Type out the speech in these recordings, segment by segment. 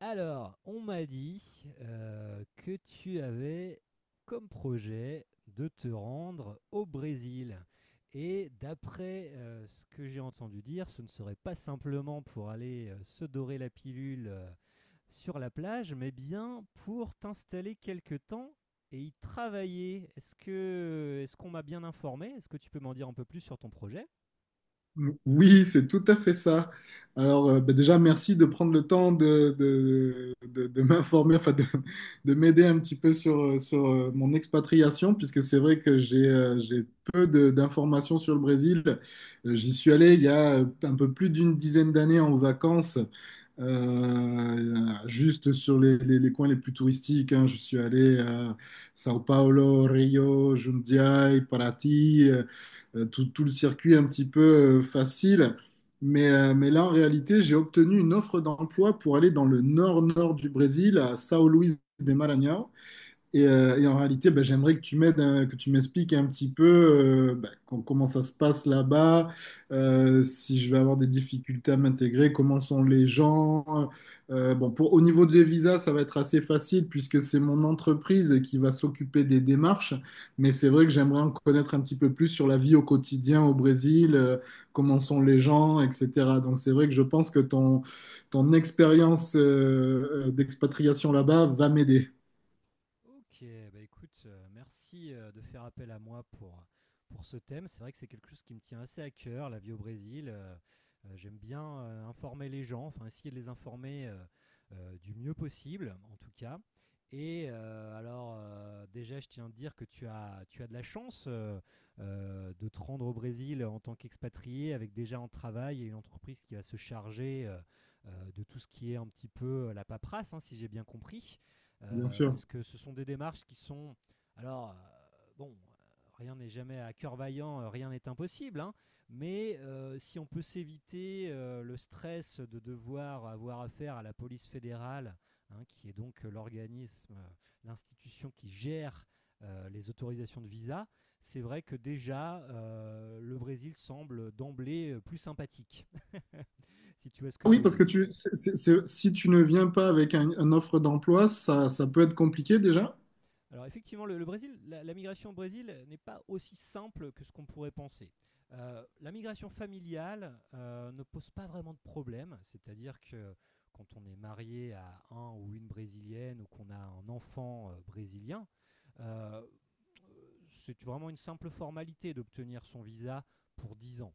Alors, on m'a dit, que tu avais comme projet de te rendre au Brésil et d'après, ce que j'ai entendu dire, ce ne serait pas simplement pour aller, se dorer la pilule, sur la plage, mais bien pour t'installer quelque temps et y travailler. Est-ce qu'on m'a bien informé? Est-ce que tu peux m'en dire un peu plus sur ton projet? Oui, c'est tout à fait ça. Alors, déjà, merci de prendre le temps de m'informer, enfin de m'aider un petit peu sur mon expatriation, puisque c'est vrai que j'ai peu d'informations sur le Brésil. J'y suis allé il y a un peu plus d'une dizaine d'années en vacances juste sur les coins les plus touristiques, hein, je suis allé à Sao Paulo, Rio, Jundiaí, Paraty, tout le circuit un petit peu facile. Mais là, en réalité, j'ai obtenu une offre d'emploi pour aller dans le nord-nord du Brésil, à São Luís de Maranhão. Et en réalité, bah, j'aimerais que tu m'aides, que tu m'expliques un petit peu comment ça se passe là-bas, si je vais avoir des difficultés à m'intégrer, comment sont les gens. Bon, pour, au niveau des visas, ça va être assez facile puisque c'est mon entreprise qui va s'occuper des démarches. Mais c'est vrai que j'aimerais en connaître un petit peu plus sur la vie au quotidien au Brésil, comment sont les gens, etc. Donc c'est vrai que je pense que ton expérience d'expatriation là-bas va m'aider, Ok, bah écoute, merci de faire appel à moi pour ce thème. C'est vrai que c'est quelque chose qui me tient assez à cœur, la vie au Brésil. J'aime bien informer les gens, enfin essayer de les informer du mieux possible, en tout cas. Et alors, déjà, je tiens à te dire que tu as de la chance de te rendre au Brésil en tant qu'expatrié, avec déjà un travail et une entreprise qui va se charger de tout ce qui est un petit peu la paperasse, hein, si j'ai bien compris bien sûr. parce que ce sont des démarches qui sont... Alors, bon, rien n'est jamais à cœur vaillant, rien n'est impossible, hein, mais si on peut s'éviter le stress de devoir avoir affaire à la police fédérale, hein, qui est donc l'organisme, l'institution qui gère les autorisations de visa, c'est vrai que déjà, le Brésil semble d'emblée plus sympathique, si tu vois ce que je Oui, veux parce que dire. tu, si tu ne viens pas avec une offre d'emploi, ça peut être compliqué déjà. Alors effectivement, le Brésil, la migration au Brésil n'est pas aussi simple que ce qu'on pourrait penser. La migration familiale ne pose pas vraiment de problème, c'est-à-dire que quand on est marié à un ou une brésilienne ou qu'on a un enfant brésilien, euh, c'est vraiment une simple formalité d'obtenir son visa pour 10 ans.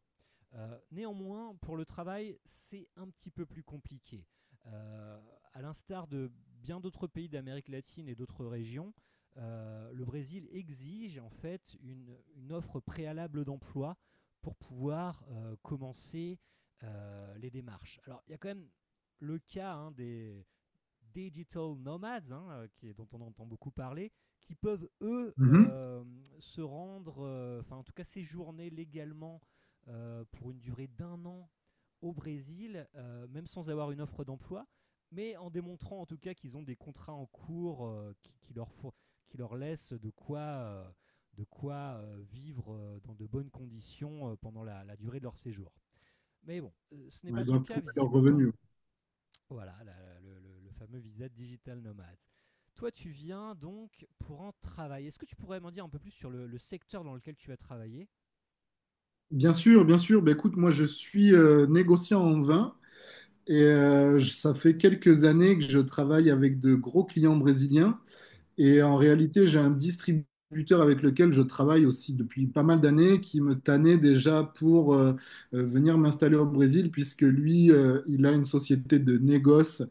Néanmoins, pour le travail, c'est un petit peu plus compliqué. Euh, à l'instar de bien d'autres pays d'Amérique latine et d'autres régions, le Brésil exige en fait une offre préalable d'emploi pour pouvoir commencer les démarches. Alors, il y a quand même le cas hein, des, digital nomads, hein, qui est, dont on entend beaucoup parler, qui peuvent, eux, Mhm. Se rendre, enfin en tout cas séjourner légalement pour une durée d'un an au Brésil, même sans avoir une offre d'emploi, mais en démontrant en tout cas qu'ils ont des contrats en cours qui leur laissent de quoi vivre dans de bonnes conditions pendant la durée de leur séjour. Mais bon, ce n'est Ouais, pas ils ton doivent cas prouver leurs visiblement. revenus. Voilà, le fameux visa Digital Nomad. Toi, tu viens donc pour en travailler. Est-ce que tu pourrais m'en dire un peu plus sur le secteur dans lequel tu vas travailler? Bien sûr, bien sûr. Ben, écoute, moi, je suis négociant en vin et ça fait quelques années que je travaille avec de gros clients brésiliens. Et en réalité, j'ai un distributeur avec lequel je travaille aussi depuis pas mal d'années qui me tannait déjà pour venir m'installer au Brésil, puisque lui, il a une société de négoce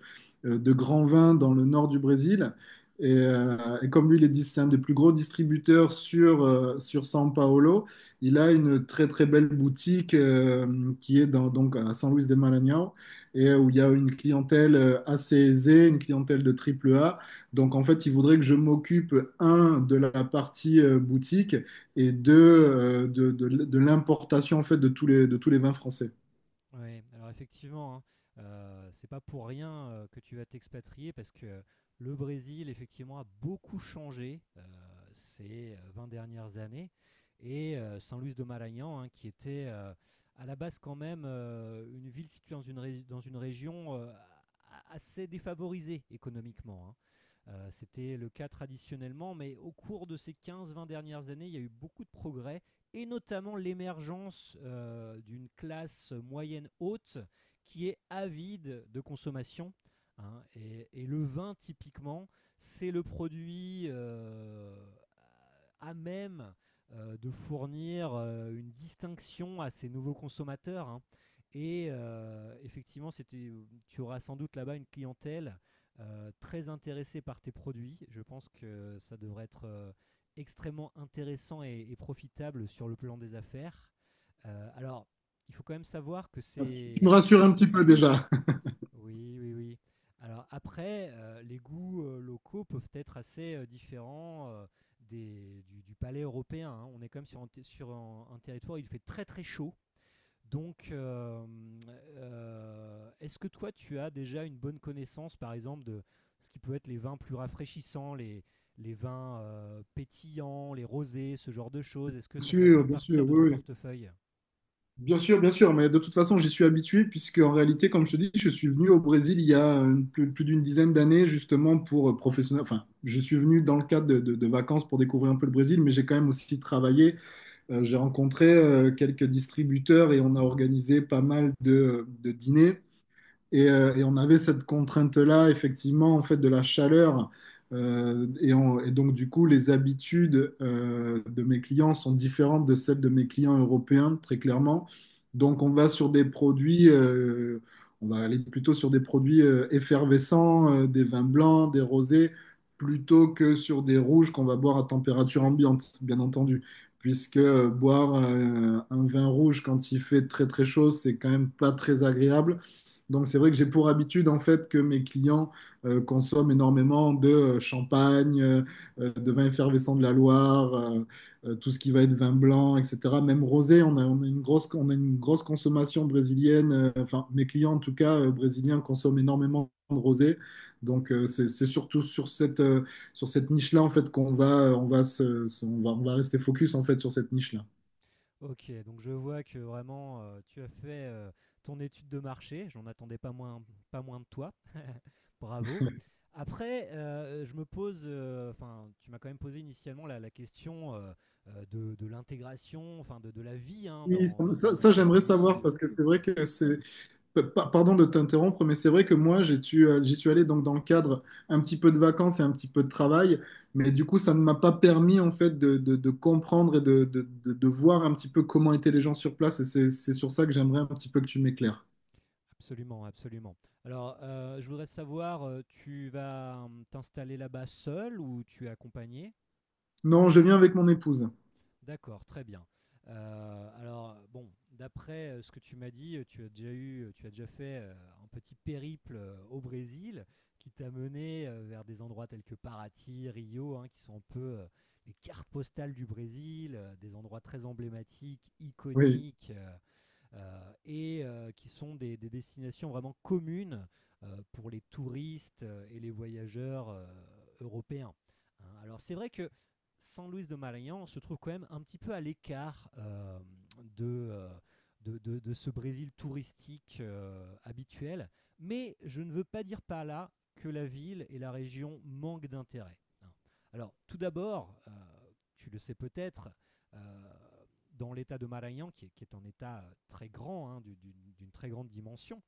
de grands vins dans le nord du Brésil. Et comme lui, il est c'est un des plus gros distributeurs sur São Paulo, il a une très très belle boutique qui est dans, donc à São Luís de Maranhão et où il y a une clientèle assez aisée, une clientèle de triple A donc, en fait, il voudrait que je m'occupe, un, de la partie boutique et deux, de l'importation, en fait, de tous les vins français. Ouais, alors effectivement, hein, c'est pas pour rien, que tu vas t'expatrier parce que le Brésil effectivement a beaucoup changé, ces, 20 dernières années et San Luís do Maranhão, hein, qui était, à la base quand même, une ville située dans une région, a assez défavorisée économiquement, hein. C'était le cas traditionnellement, mais au cours de ces quinze vingt dernières années, il y a eu beaucoup de progrès et notamment l'émergence d'une classe moyenne haute qui est avide de consommation, hein. Et le vin, typiquement, c'est le produit à même de fournir une distinction à ces nouveaux consommateurs, hein. Et effectivement, c'était, tu auras sans doute là-bas une clientèle très intéressée par tes produits. Je pense que ça devrait être extrêmement intéressant et profitable sur le plan des affaires. Alors, il faut quand même savoir que Tu me c'est... rassures un petit peu déjà. Oui, oui, oui. Alors après, les goûts locaux peuvent être assez différents du palais européen, hein. On est quand même sur un territoire où il fait très très chaud. Donc, est-ce que toi, tu as déjà une bonne connaissance, par exemple, de ce qui peut être les vins plus rafraîchissants, les vins pétillants, les rosés, ce genre de choses? Est-ce que ça fait faire bien sûr, partir de ton oui, oui. portefeuille? Bien sûr, mais de toute façon, j'y suis habitué puisque en réalité, comme je te dis, je suis venu au Brésil il y a plus d'une dizaine d'années justement pour professionnel. Enfin, je suis venu dans le cadre de vacances pour découvrir un peu le Brésil, mais j'ai quand même aussi travaillé. J'ai rencontré quelques distributeurs et on a organisé pas mal de dîners. Et, on avait cette contrainte-là, effectivement, en fait, de la chaleur. Donc, du coup, les habitudes de mes clients sont différentes de celles de mes clients européens, très clairement. Donc, on va sur des on va aller plutôt sur des produits effervescents, des vins blancs, des rosés, plutôt que sur des rouges qu'on va boire à température ambiante, bien entendu. Puisque boire un vin rouge quand il fait très très chaud, c'est quand même pas très agréable. Donc, c'est vrai que j'ai pour habitude, en fait, que mes clients consomment énormément de champagne, de vin effervescent de la Loire, tout ce qui va être vin blanc, etc. Même rosé, on a une grosse consommation brésilienne. Enfin, mes clients, en tout cas, brésiliens, consomment énormément de rosé. Donc, c'est surtout sur sur cette niche-là, en fait, qu'on va, on va se- se- on va rester focus, en fait, sur cette niche-là. Ok, donc je vois que vraiment, tu as fait ton étude de marché, j'en attendais pas moins, pas moins de toi. Bravo. Après, je me pose, enfin, tu m'as quand même posé initialement la question de l'intégration, enfin, de la vie hein, Oui, ça, ça, ce j'aimerais pays. savoir parce que c'est Hmm. vrai que c'est pardon de t'interrompre, mais c'est vrai que moi, j'y suis allé donc dans le cadre un petit peu de vacances et un petit peu de travail, mais du coup, ça ne m'a pas permis en fait de comprendre et de voir un petit peu comment étaient les gens sur place, et c'est sur ça que j'aimerais un petit peu que tu m'éclaires. Absolument, absolument. Alors, je voudrais savoir, tu vas t'installer là-bas seul ou tu es accompagné? Non, je viens avec mon épouse. D'accord, très bien. Heu, alors bon, d'après, ce que tu m'as dit, tu as déjà fait, un petit périple, au Brésil qui t'a mené, vers des endroits tels que Paraty, Rio, hein, qui sont un peu, les cartes postales du Brésil, des endroits très emblématiques, Oui, iconiques, et qui sont des destinations vraiment communes pour les touristes et les voyageurs européens. Hein. Alors c'est vrai que San Luis de Maranhão se trouve quand même un petit peu à l'écart de, euh, de ce Brésil touristique habituel, mais je ne veux pas dire par là que la ville et la région manquent d'intérêt. Hein. Alors tout d'abord, tu le sais peut-être, euh, dans l'état de Marayan, qui est un état très grand, hein, d'une très grande dimension,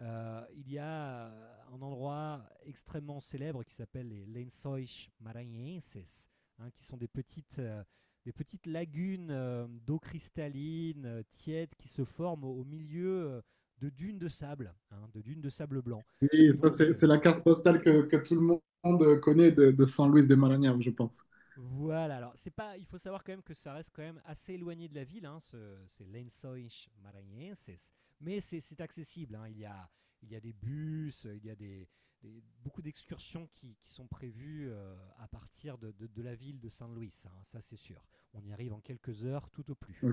il y a un endroit extrêmement célèbre qui s'appelle les Lençóis Maranhenses, hein, qui sont des petites lagunes d'eau cristalline, tiède, qui se forment au milieu de dunes de sable, hein, de dunes de sable blanc. oui, Et ça donc, c'est euh, c'est la carte postale que tout le monde connaît de San Luis de Marañón, je pense. Voilà, alors c'est pas, il faut savoir quand même que ça reste quand même assez éloigné de la ville, hein, c'est Lençóis Maranhenses, mais c'est accessible, hein, il y a des bus, il y a beaucoup d'excursions qui sont prévues à partir de la ville de Saint-Louis, hein, ça c'est sûr. On y arrive en quelques heures tout au plus.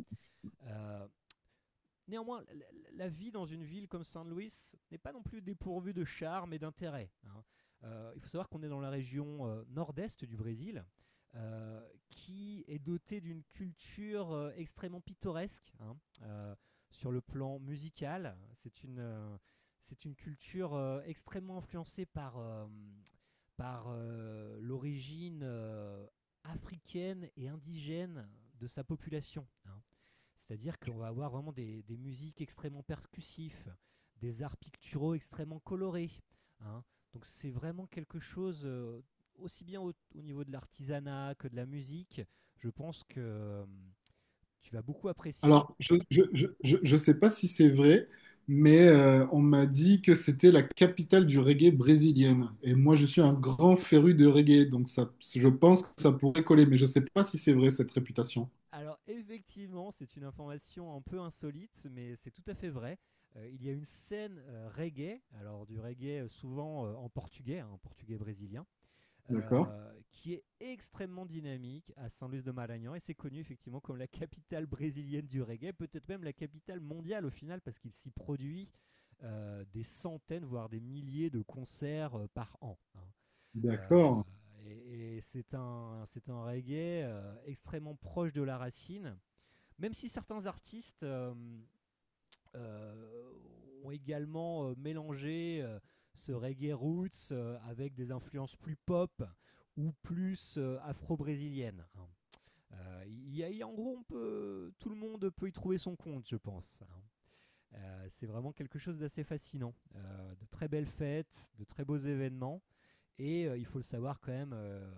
Euh, Néanmoins, la vie dans une ville comme Saint Louis n'est pas non plus dépourvue de charme et d'intérêt, hein. Il faut savoir qu'on est dans la région nord-est du Brésil, euh, qui est dotée d'une culture extrêmement pittoresque, hein. Euh, sur le plan musical. C'est une culture extrêmement influencée par l'origine africaine et indigène de sa population, hein. C'est-à-dire qu'on va avoir vraiment des musiques extrêmement percussives, des arts picturaux extrêmement colorés, hein. Donc c'est vraiment quelque chose, aussi bien au niveau de l'artisanat que de la musique, je pense que tu vas beaucoup apprécier. Alors, je sais pas si c'est vrai, mais on m'a dit que c'était la capitale du reggae brésilienne. Et moi, je suis un grand féru de reggae, donc ça, je pense que ça pourrait coller, mais je sais pas si c'est vrai cette réputation. Alors effectivement, c'est une information un peu insolite, mais c'est tout à fait vrai. Il y a une scène reggae, alors du reggae souvent en portugais, hein, en portugais brésilien, D'accord? Qui est extrêmement dynamique à San Luis de Maranhão et c'est connu effectivement comme la capitale brésilienne du reggae, peut-être même la capitale mondiale au final parce qu'il s'y produit des centaines voire des milliers de concerts par an, hein. Euh, D'accord. et c'est un reggae extrêmement proche de la racine, même si certains artistes euh, ont également mélangé ce reggae roots avec des influences plus pop ou plus afro-brésiliennes, hein. Il y a- y a- en gros, tout le monde peut y trouver son compte, je pense, hein. C'est vraiment quelque chose d'assez fascinant. De très belles fêtes, de très beaux événements. Et il faut le savoir quand même,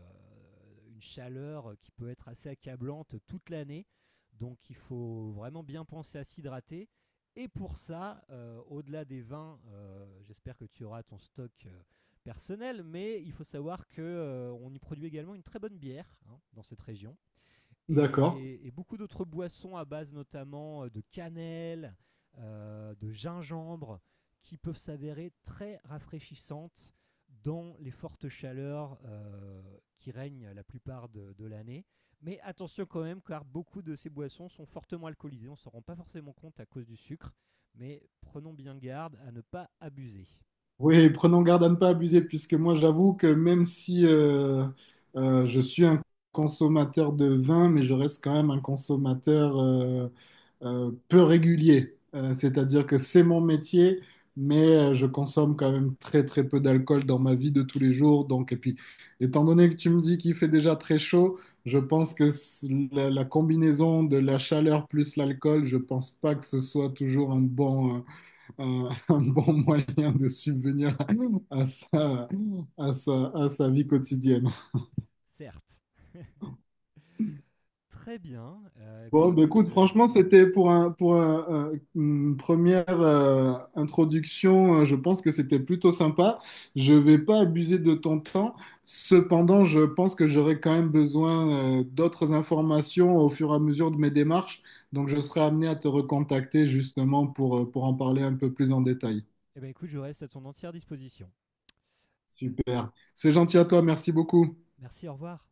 une chaleur qui peut être assez accablante toute l'année. Donc il faut vraiment bien penser à s'hydrater. Et pour ça, au-delà des vins, j'espère que tu auras ton stock personnel, mais il faut savoir que on y produit également une très bonne bière hein, dans cette région D'accord. et beaucoup d'autres boissons à base notamment de cannelle, de gingembre, qui peuvent s'avérer très rafraîchissantes dans les fortes chaleurs qui règnent la plupart de l'année. Mais attention quand même, car beaucoup de ces boissons sont fortement alcoolisées. On ne s'en rend pas forcément compte à cause du sucre, mais prenons bien garde à ne pas abuser. Oui, prenons garde à ne pas abuser, puisque moi, j'avoue que même si je suis un consommateur de vin, mais je reste quand même un consommateur. Peu régulier. C'est-à-dire que c'est mon métier, mais je consomme quand même très très peu d'alcool dans ma vie de tous les jours. Donc, et puis, étant donné que tu me dis qu'il fait déjà très chaud, je pense que la, la combinaison de la chaleur plus l'alcool, je pense pas que ce soit toujours un bon, un bon moyen de subvenir à à sa vie quotidienne. Certes. Très bien. Bon, bah, écoute, franchement, c'était pour une première introduction, je pense que c'était plutôt sympa. Je vais pas abuser de ton temps. Cependant, je pense que j'aurai quand même besoin d'autres informations au fur et à mesure de mes démarches. Donc, je serai amené à te recontacter justement pour en parler un peu plus en détail. Eh bien écoute, je reste à ton entière disposition. Super. C'est gentil à toi, merci beaucoup. Merci, au revoir.